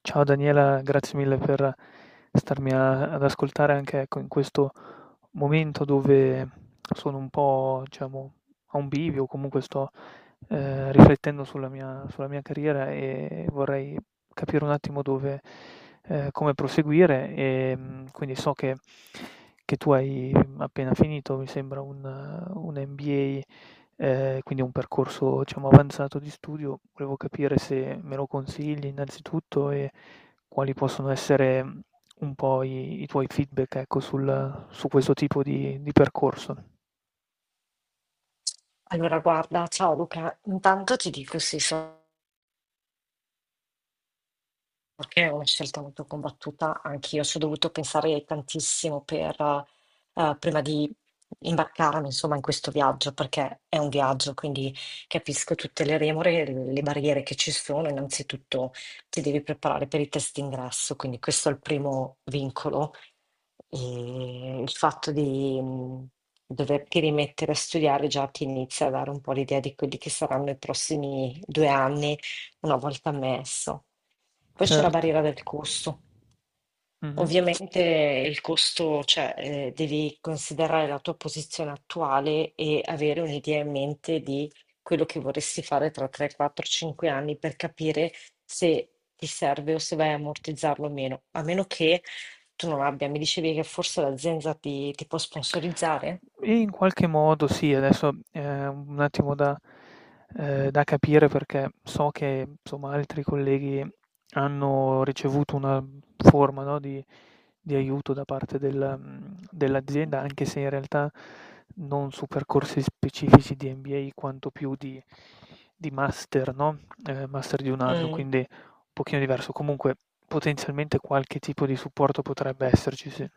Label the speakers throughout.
Speaker 1: Ciao Daniela, grazie mille per starmi ad ascoltare anche, ecco, in questo momento dove sono un po', diciamo, a un bivio. Comunque sto riflettendo sulla mia carriera e vorrei capire un attimo dove, come proseguire e quindi so che tu hai appena finito, mi sembra, un MBA. Quindi è un percorso, diciamo, avanzato di studio. Volevo capire se me lo consigli innanzitutto e quali possono essere, un po' i tuoi feedback, ecco, sul su questo tipo di percorso.
Speaker 2: Allora guarda, ciao Luca, intanto ti dico sì, sono che è una scelta molto combattuta, anch'io ci ho dovuto pensare tantissimo prima di imbarcarmi, insomma, in questo viaggio, perché è un viaggio, quindi capisco tutte le remore e le barriere che ci sono. Innanzitutto ti devi preparare per i test d'ingresso, quindi questo è il primo vincolo. E il fatto di doverti rimettere a studiare già ti inizia a dare un po' l'idea di quelli che saranno i prossimi due anni una volta messo. Poi c'è la
Speaker 1: Certo.
Speaker 2: barriera del costo.
Speaker 1: Mh-mh.
Speaker 2: Ovviamente il costo, cioè, devi considerare la tua posizione attuale e avere un'idea in mente di quello che vorresti fare tra 3, 4, 5 anni per capire se ti serve o se vai a ammortizzarlo o meno. A meno che tu non abbia, mi dicevi che forse l'azienda ti può sponsorizzare?
Speaker 1: In qualche modo sì, adesso è un attimo da capire, perché so che, insomma, altri colleghi hanno ricevuto una forma, no, di aiuto da parte del dell'azienda, anche se in realtà non su percorsi specifici di MBA, quanto più di master, no, master di un anno,
Speaker 2: Mm.
Speaker 1: quindi un pochino diverso. Comunque potenzialmente qualche tipo di supporto potrebbe esserci, sì.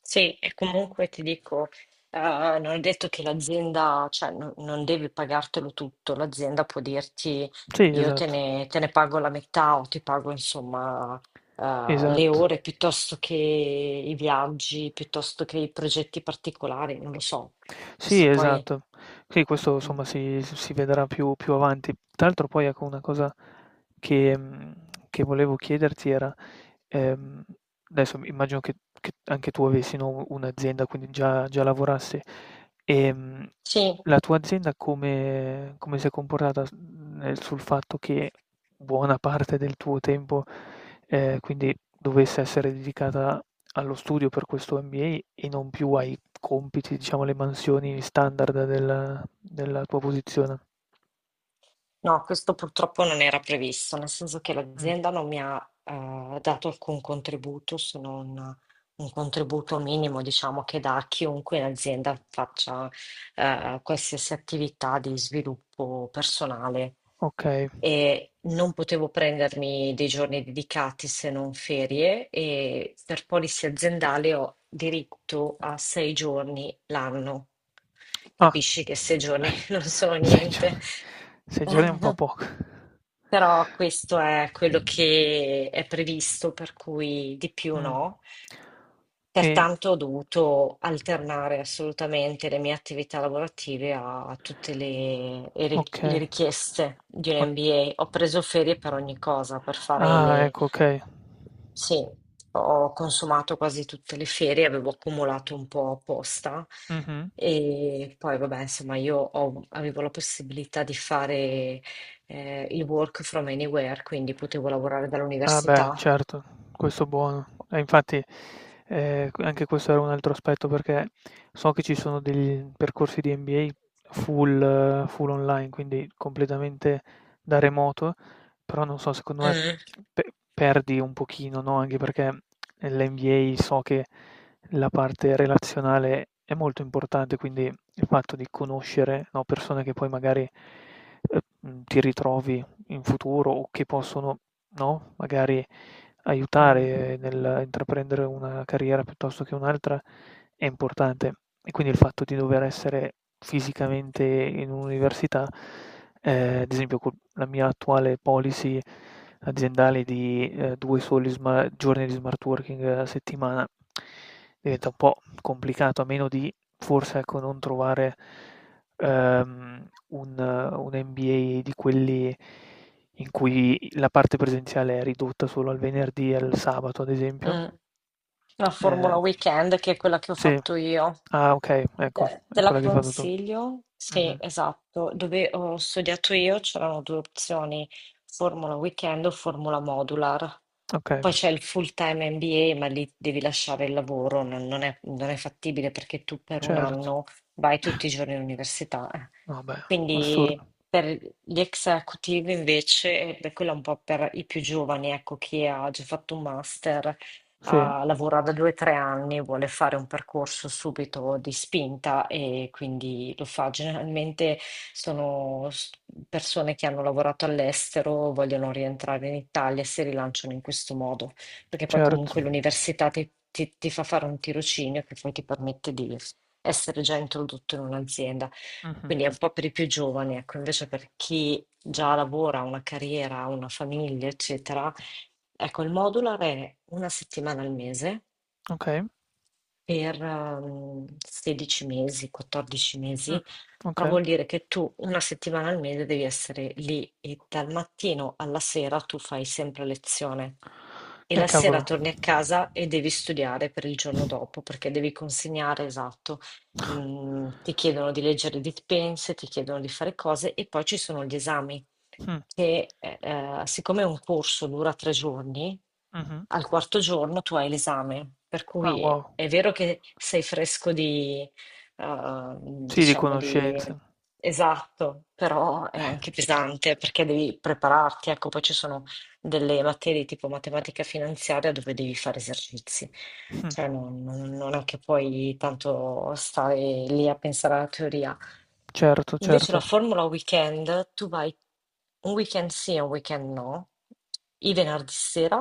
Speaker 2: Sì, e comunque ti dico, eh, non è detto che l'azienda, cioè non devi pagartelo tutto, l'azienda può dirti
Speaker 1: Sì,
Speaker 2: io
Speaker 1: esatto,
Speaker 2: te ne pago la metà o ti pago insomma le
Speaker 1: esatto.
Speaker 2: ore, piuttosto che i viaggi, piuttosto che i progetti particolari, non lo so.
Speaker 1: Sì,
Speaker 2: Questo poi...
Speaker 1: esatto. Sì, questo
Speaker 2: mm.
Speaker 1: insomma si vedrà più avanti. Tra l'altro poi, ecco, una cosa che che volevo chiederti era, ehm, adesso immagino che anche tu avessi, no, un'azienda, quindi già lavorassi. Ehm,
Speaker 2: Sì.
Speaker 1: la tua azienda come si è comportata s nel sul fatto che buona parte del tuo tempo, quindi dovesse essere dedicata allo studio per questo MBA e non più ai compiti, diciamo, alle mansioni standard della tua posizione.
Speaker 2: No, questo purtroppo non era previsto, nel senso che
Speaker 1: Mh,
Speaker 2: l'azienda non mi ha dato alcun contributo se non un contributo minimo, diciamo, che dà a chiunque in azienda faccia qualsiasi attività di sviluppo personale,
Speaker 1: okay.
Speaker 2: e non potevo prendermi dei giorni dedicati se non ferie, e per polizia aziendale ho diritto a sei giorni l'anno.
Speaker 1: Ah.
Speaker 2: Capisci che sei giorni non sono
Speaker 1: 6
Speaker 2: niente.
Speaker 1: giorni, 6 giorni è un po' poco.
Speaker 2: Però questo è quello che è previsto, per cui di più
Speaker 1: Mh.
Speaker 2: no.
Speaker 1: Ehm,
Speaker 2: Pertanto ho dovuto alternare assolutamente le mie attività lavorative a tutte le
Speaker 1: okay.
Speaker 2: richieste di
Speaker 1: Ma,
Speaker 2: un MBA. Ho preso ferie per ogni cosa, per fare
Speaker 1: ah,
Speaker 2: le...
Speaker 1: ecco, okay.
Speaker 2: Sì, ho consumato quasi tutte le ferie, avevo accumulato un po' apposta,
Speaker 1: Mh-mh.
Speaker 2: e poi vabbè, insomma, avevo la possibilità di fare il work from anywhere, quindi potevo lavorare
Speaker 1: Ah beh,
Speaker 2: dall'università.
Speaker 1: certo, questo buono. E infatti, q anche questo era un altro aspetto, perché so che ci sono degli percorsi di MBA full online, quindi completamente da remoto, però non so, secondo me
Speaker 2: Mm.
Speaker 1: pe perdi un pochino, no, anche perché nell'MBA so che la parte relazionale è molto importante, quindi il fatto di conoscere, no, persone che poi magari, ti ritrovi in futuro o che possono, no, magari
Speaker 2: Mm.
Speaker 1: aiutare nell'intraprendere una carriera piuttosto che un'altra è importante. E quindi il fatto di dover essere fisicamente in un'università, ad esempio co la mia attuale policy aziendale di, 2 soli sma giorni di smart working a settimana, diventa un po' complicato, a meno di forse, ecco, non trovare, un MBA di quelli in cui la parte presenziale è ridotta solo al venerdì e al sabato, ad esempio.
Speaker 2: Mm. La Formula
Speaker 1: Ehm
Speaker 2: Weekend, che è quella che ho
Speaker 1: sì.
Speaker 2: fatto io.
Speaker 1: Ah, okay, ecco, è
Speaker 2: Te la
Speaker 1: quella che hai fatto tu.
Speaker 2: consiglio? Sì,
Speaker 1: Mh-mh.
Speaker 2: esatto. Dove ho studiato io c'erano due opzioni, Formula Weekend o Formula Modular.
Speaker 1: Okay,
Speaker 2: Poi c'è il full-time MBA, ma lì devi lasciare il lavoro, non è fattibile, perché tu per un
Speaker 1: certo.
Speaker 2: anno vai tutti i giorni all'università. Eh.
Speaker 1: No beh,
Speaker 2: Quindi
Speaker 1: assurdo.
Speaker 2: per gli executive invece, ed è quella, è un po' per i più giovani, ecco, chi ha già fatto un master,
Speaker 1: Sì,
Speaker 2: ha lavorato due o tre anni, vuole fare un percorso subito di spinta e quindi lo fa. Generalmente sono s- persone che hanno lavorato all'estero, vogliono rientrare in Italia e si rilanciano in questo modo, perché poi
Speaker 1: certo.
Speaker 2: comunque l'università ti fa fare un tirocinio che poi ti permette di essere già introdotto in un'azienda.
Speaker 1: Mh-mh.
Speaker 2: Quindi è un po' per i più giovani, ecco, invece per chi già lavora, ha una carriera, ha una famiglia, eccetera. Ecco, il modular è una settimana al mese
Speaker 1: Okay.
Speaker 2: per 16 mesi, 14
Speaker 1: Mh.
Speaker 2: mesi, però
Speaker 1: Okay.
Speaker 2: vuol dire che tu una settimana al mese devi essere lì e dal mattino alla sera tu fai sempre lezione, e la sera
Speaker 1: Cavolo.
Speaker 2: torni a casa e devi studiare per il giorno dopo perché devi consegnare, esatto. Mm, ti chiedono di leggere dispense, ti chiedono di fare cose, e poi ci sono gli esami
Speaker 1: Mh.
Speaker 2: che siccome un corso dura tre giorni,
Speaker 1: Mh-mh.
Speaker 2: al quarto giorno tu hai l'esame, per
Speaker 1: Ah
Speaker 2: cui
Speaker 1: wow.
Speaker 2: è vero che sei fresco di,
Speaker 1: Sì, di
Speaker 2: diciamo di...
Speaker 1: conoscenze.
Speaker 2: Esatto, però è
Speaker 1: Eh.
Speaker 2: anche pesante perché devi prepararti, ecco, poi ci sono delle materie tipo matematica finanziaria dove devi fare esercizi.
Speaker 1: Mh.
Speaker 2: Cioè non è che puoi tanto stare lì a pensare alla teoria.
Speaker 1: Certo,
Speaker 2: Invece la
Speaker 1: certo.
Speaker 2: formula weekend, tu vai un weekend sì e un weekend no, i venerdì sera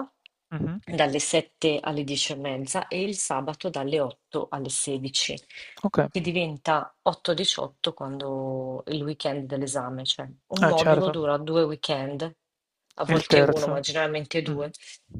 Speaker 1: Mh-mh.
Speaker 2: dalle 7 alle 10 e mezza e il sabato dalle 8 alle 16,
Speaker 1: Okay.
Speaker 2: che diventa 8-18 quando il weekend dell'esame, cioè un
Speaker 1: Eh
Speaker 2: modulo
Speaker 1: certo.
Speaker 2: dura due weekend, a
Speaker 1: E il
Speaker 2: volte uno, ma
Speaker 1: terzo?
Speaker 2: generalmente
Speaker 1: Mh-mh.
Speaker 2: due.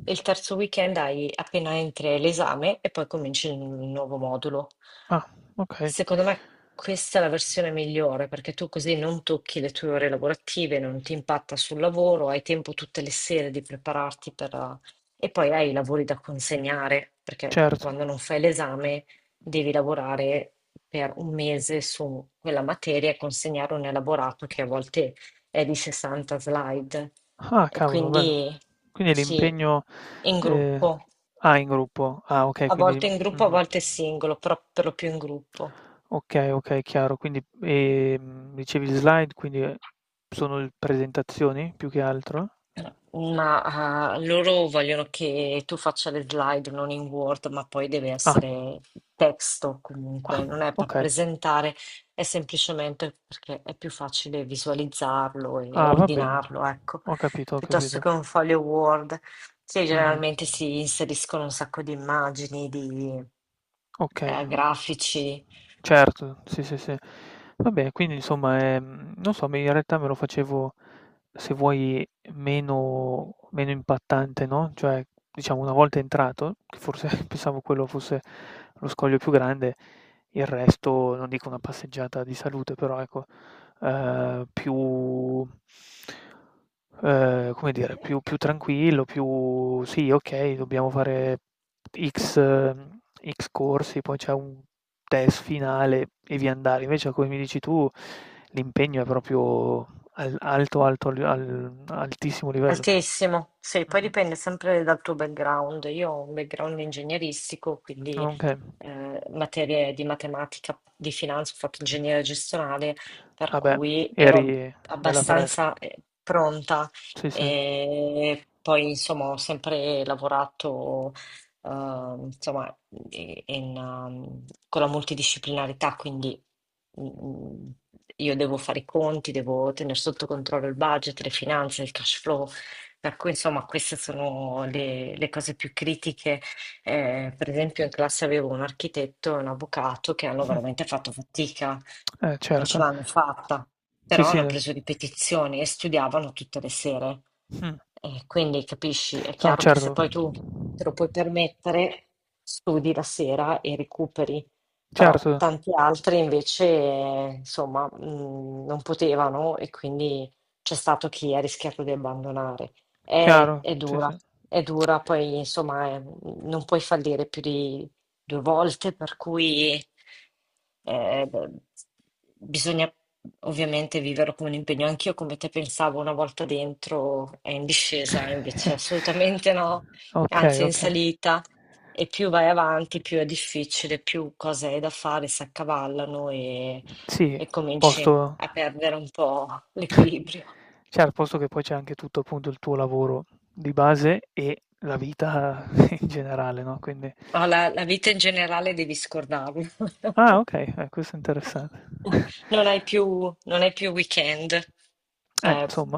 Speaker 2: E il terzo weekend hai appena entri l'esame e poi cominci il nuovo modulo.
Speaker 1: Ah, okay,
Speaker 2: Secondo me questa è la versione migliore, perché tu così non tocchi le tue ore lavorative, non ti impatta sul lavoro, hai tempo tutte le sere di prepararti per... e poi hai i lavori da consegnare perché
Speaker 1: certo.
Speaker 2: quando non fai l'esame devi lavorare per un mese su quella materia e consegnare un elaborato che a volte è di 60 slide,
Speaker 1: Ah,
Speaker 2: e
Speaker 1: cavolo, beh,
Speaker 2: quindi
Speaker 1: quindi
Speaker 2: sì,
Speaker 1: l'impegno,
Speaker 2: in
Speaker 1: ehm
Speaker 2: gruppo,
Speaker 1: ah, in gruppo. Ah, okay,
Speaker 2: a
Speaker 1: quindi
Speaker 2: volte in gruppo, a
Speaker 1: mh-mh.
Speaker 2: volte singolo, però per lo più in gruppo.
Speaker 1: Okay, okay, chiaro. Quindi, dicevi slide, quindi, sono l presentazioni più che altro?
Speaker 2: Ma ah, loro vogliono che tu faccia le slide non in Word, ma poi deve
Speaker 1: Ah,
Speaker 2: essere testo
Speaker 1: ah,
Speaker 2: comunque, non è per
Speaker 1: okay.
Speaker 2: presentare, è semplicemente perché è più facile visualizzarlo e
Speaker 1: Ah, va bene.
Speaker 2: ordinarlo, ecco,
Speaker 1: Ho capito, ho
Speaker 2: piuttosto
Speaker 1: capito.
Speaker 2: che un foglio Word. Sì,
Speaker 1: Mh-mh.
Speaker 2: generalmente si inseriscono un sacco di immagini, di
Speaker 1: Okay.
Speaker 2: grafici.
Speaker 1: Certo, sì, sì, sì. Vabbè, quindi insomma, non so, me in realtà me lo facevo, se vuoi, meno impattante, no, cioè, diciamo una volta entrato, che forse pensavo quello fosse lo scoglio più grande, il resto non dico una passeggiata di salute, però ecco, più come dire, più tranquillo, più sì, okay, dobbiamo fare X X corsi, poi c'è un test finale e via andare. Invece, come mi dici tu, l'impegno è proprio al alto, alto, al al altissimo livello.
Speaker 2: Altissimo, sì, poi
Speaker 1: Mh-mh.
Speaker 2: dipende sempre dal tuo background. Io ho un background ingegneristico, quindi
Speaker 1: Okay.
Speaker 2: materie di matematica, di finanza, ho fatto ingegneria gestionale, per
Speaker 1: Ah beh,
Speaker 2: cui ero
Speaker 1: eri bella fresca.
Speaker 2: abbastanza pronta.
Speaker 1: Sì, sì.
Speaker 2: E poi, insomma, ho sempre lavorato insomma, in- in, con la multidisciplinarità, quindi mm, mm, io devo fare i conti, devo tenere sotto controllo il budget, le finanze, il cash flow, per cui, insomma, queste sono le cose più critiche. Per esempio, in classe avevo un architetto e un avvocato che hanno
Speaker 1: Mh.
Speaker 2: veramente fatto fatica,
Speaker 1: Eh
Speaker 2: non ce
Speaker 1: certo.
Speaker 2: l'hanno fatta,
Speaker 1: Sì,
Speaker 2: però hanno
Speaker 1: sì.
Speaker 2: preso ripetizioni e studiavano tutte le sere.
Speaker 1: Mh.
Speaker 2: E quindi capisci, è
Speaker 1: No
Speaker 2: chiaro che se
Speaker 1: certo.
Speaker 2: poi tu te lo puoi permettere, studi la sera e recuperi,
Speaker 1: Certo,
Speaker 2: però tanti altri invece, insomma, non potevano e quindi c'è stato chi ha rischiato di abbandonare.
Speaker 1: chiaro.
Speaker 2: È
Speaker 1: Sì,
Speaker 2: dura,
Speaker 1: sì.
Speaker 2: è dura, poi insomma non puoi fallire più di due volte, per cui beh, bisogna ovviamente viverlo come un impegno. Anch'io come te pensavo una volta dentro è in discesa, invece assolutamente no,
Speaker 1: Okay,
Speaker 2: anzi è in
Speaker 1: okay.
Speaker 2: salita e più vai avanti più è difficile, più cose hai da fare si accavallano, e
Speaker 1: Sì,
Speaker 2: cominci
Speaker 1: posto
Speaker 2: a perdere un po' l'equilibrio.
Speaker 1: cioè al posto che poi c'è anche tutto appunto il tuo lavoro di base e la vita in generale, no, quindi
Speaker 2: No, la vita in generale devi scordarlo.
Speaker 1: ah okay, questo è interessante.
Speaker 2: Non hai più, non hai più weekend. Cioè,
Speaker 1: Insomma.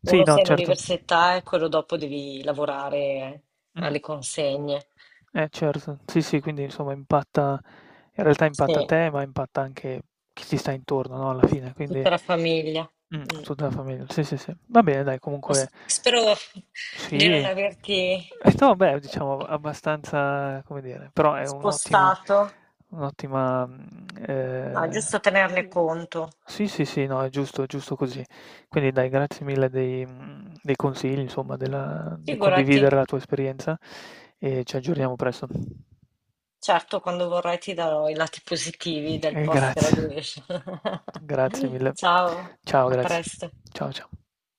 Speaker 1: Sì,
Speaker 2: uno
Speaker 1: no,
Speaker 2: sei in
Speaker 1: certo.
Speaker 2: università e quello dopo devi lavorare
Speaker 1: Mh.
Speaker 2: alle consegne.
Speaker 1: Certo. Sì, sì, quindi insomma impatta in realtà
Speaker 2: Sì,
Speaker 1: impatta te, ma impatta anche chi ti sta intorno, no, alla fine, quindi
Speaker 2: tutta la famiglia. Mm.
Speaker 1: tutta la famiglia. Sì, sì, sì. Va bene dai, comunque
Speaker 2: Spero
Speaker 1: sì.
Speaker 2: di non averti
Speaker 1: E no, beh, diciamo
Speaker 2: eh,
Speaker 1: abbastanza, come dire, però è
Speaker 2: spostato.
Speaker 1: un'ottima, mhmm,
Speaker 2: No, è giusto tenerne
Speaker 1: i
Speaker 2: conto.
Speaker 1: sì, sì, sì, no, è giusto così. Quindi dai, grazie mille dei dei consigli, insomma, del
Speaker 2: Figurati.
Speaker 1: condividere la tua esperienza e ci aggiorniamo presto.
Speaker 2: Certo, quando vorrai ti darò i lati positivi del
Speaker 1: E grazie,
Speaker 2: post-graduation.
Speaker 1: grazie mille.
Speaker 2: Ciao,
Speaker 1: Ciao,
Speaker 2: a
Speaker 1: grazie.
Speaker 2: presto.
Speaker 1: Ciao, ciao.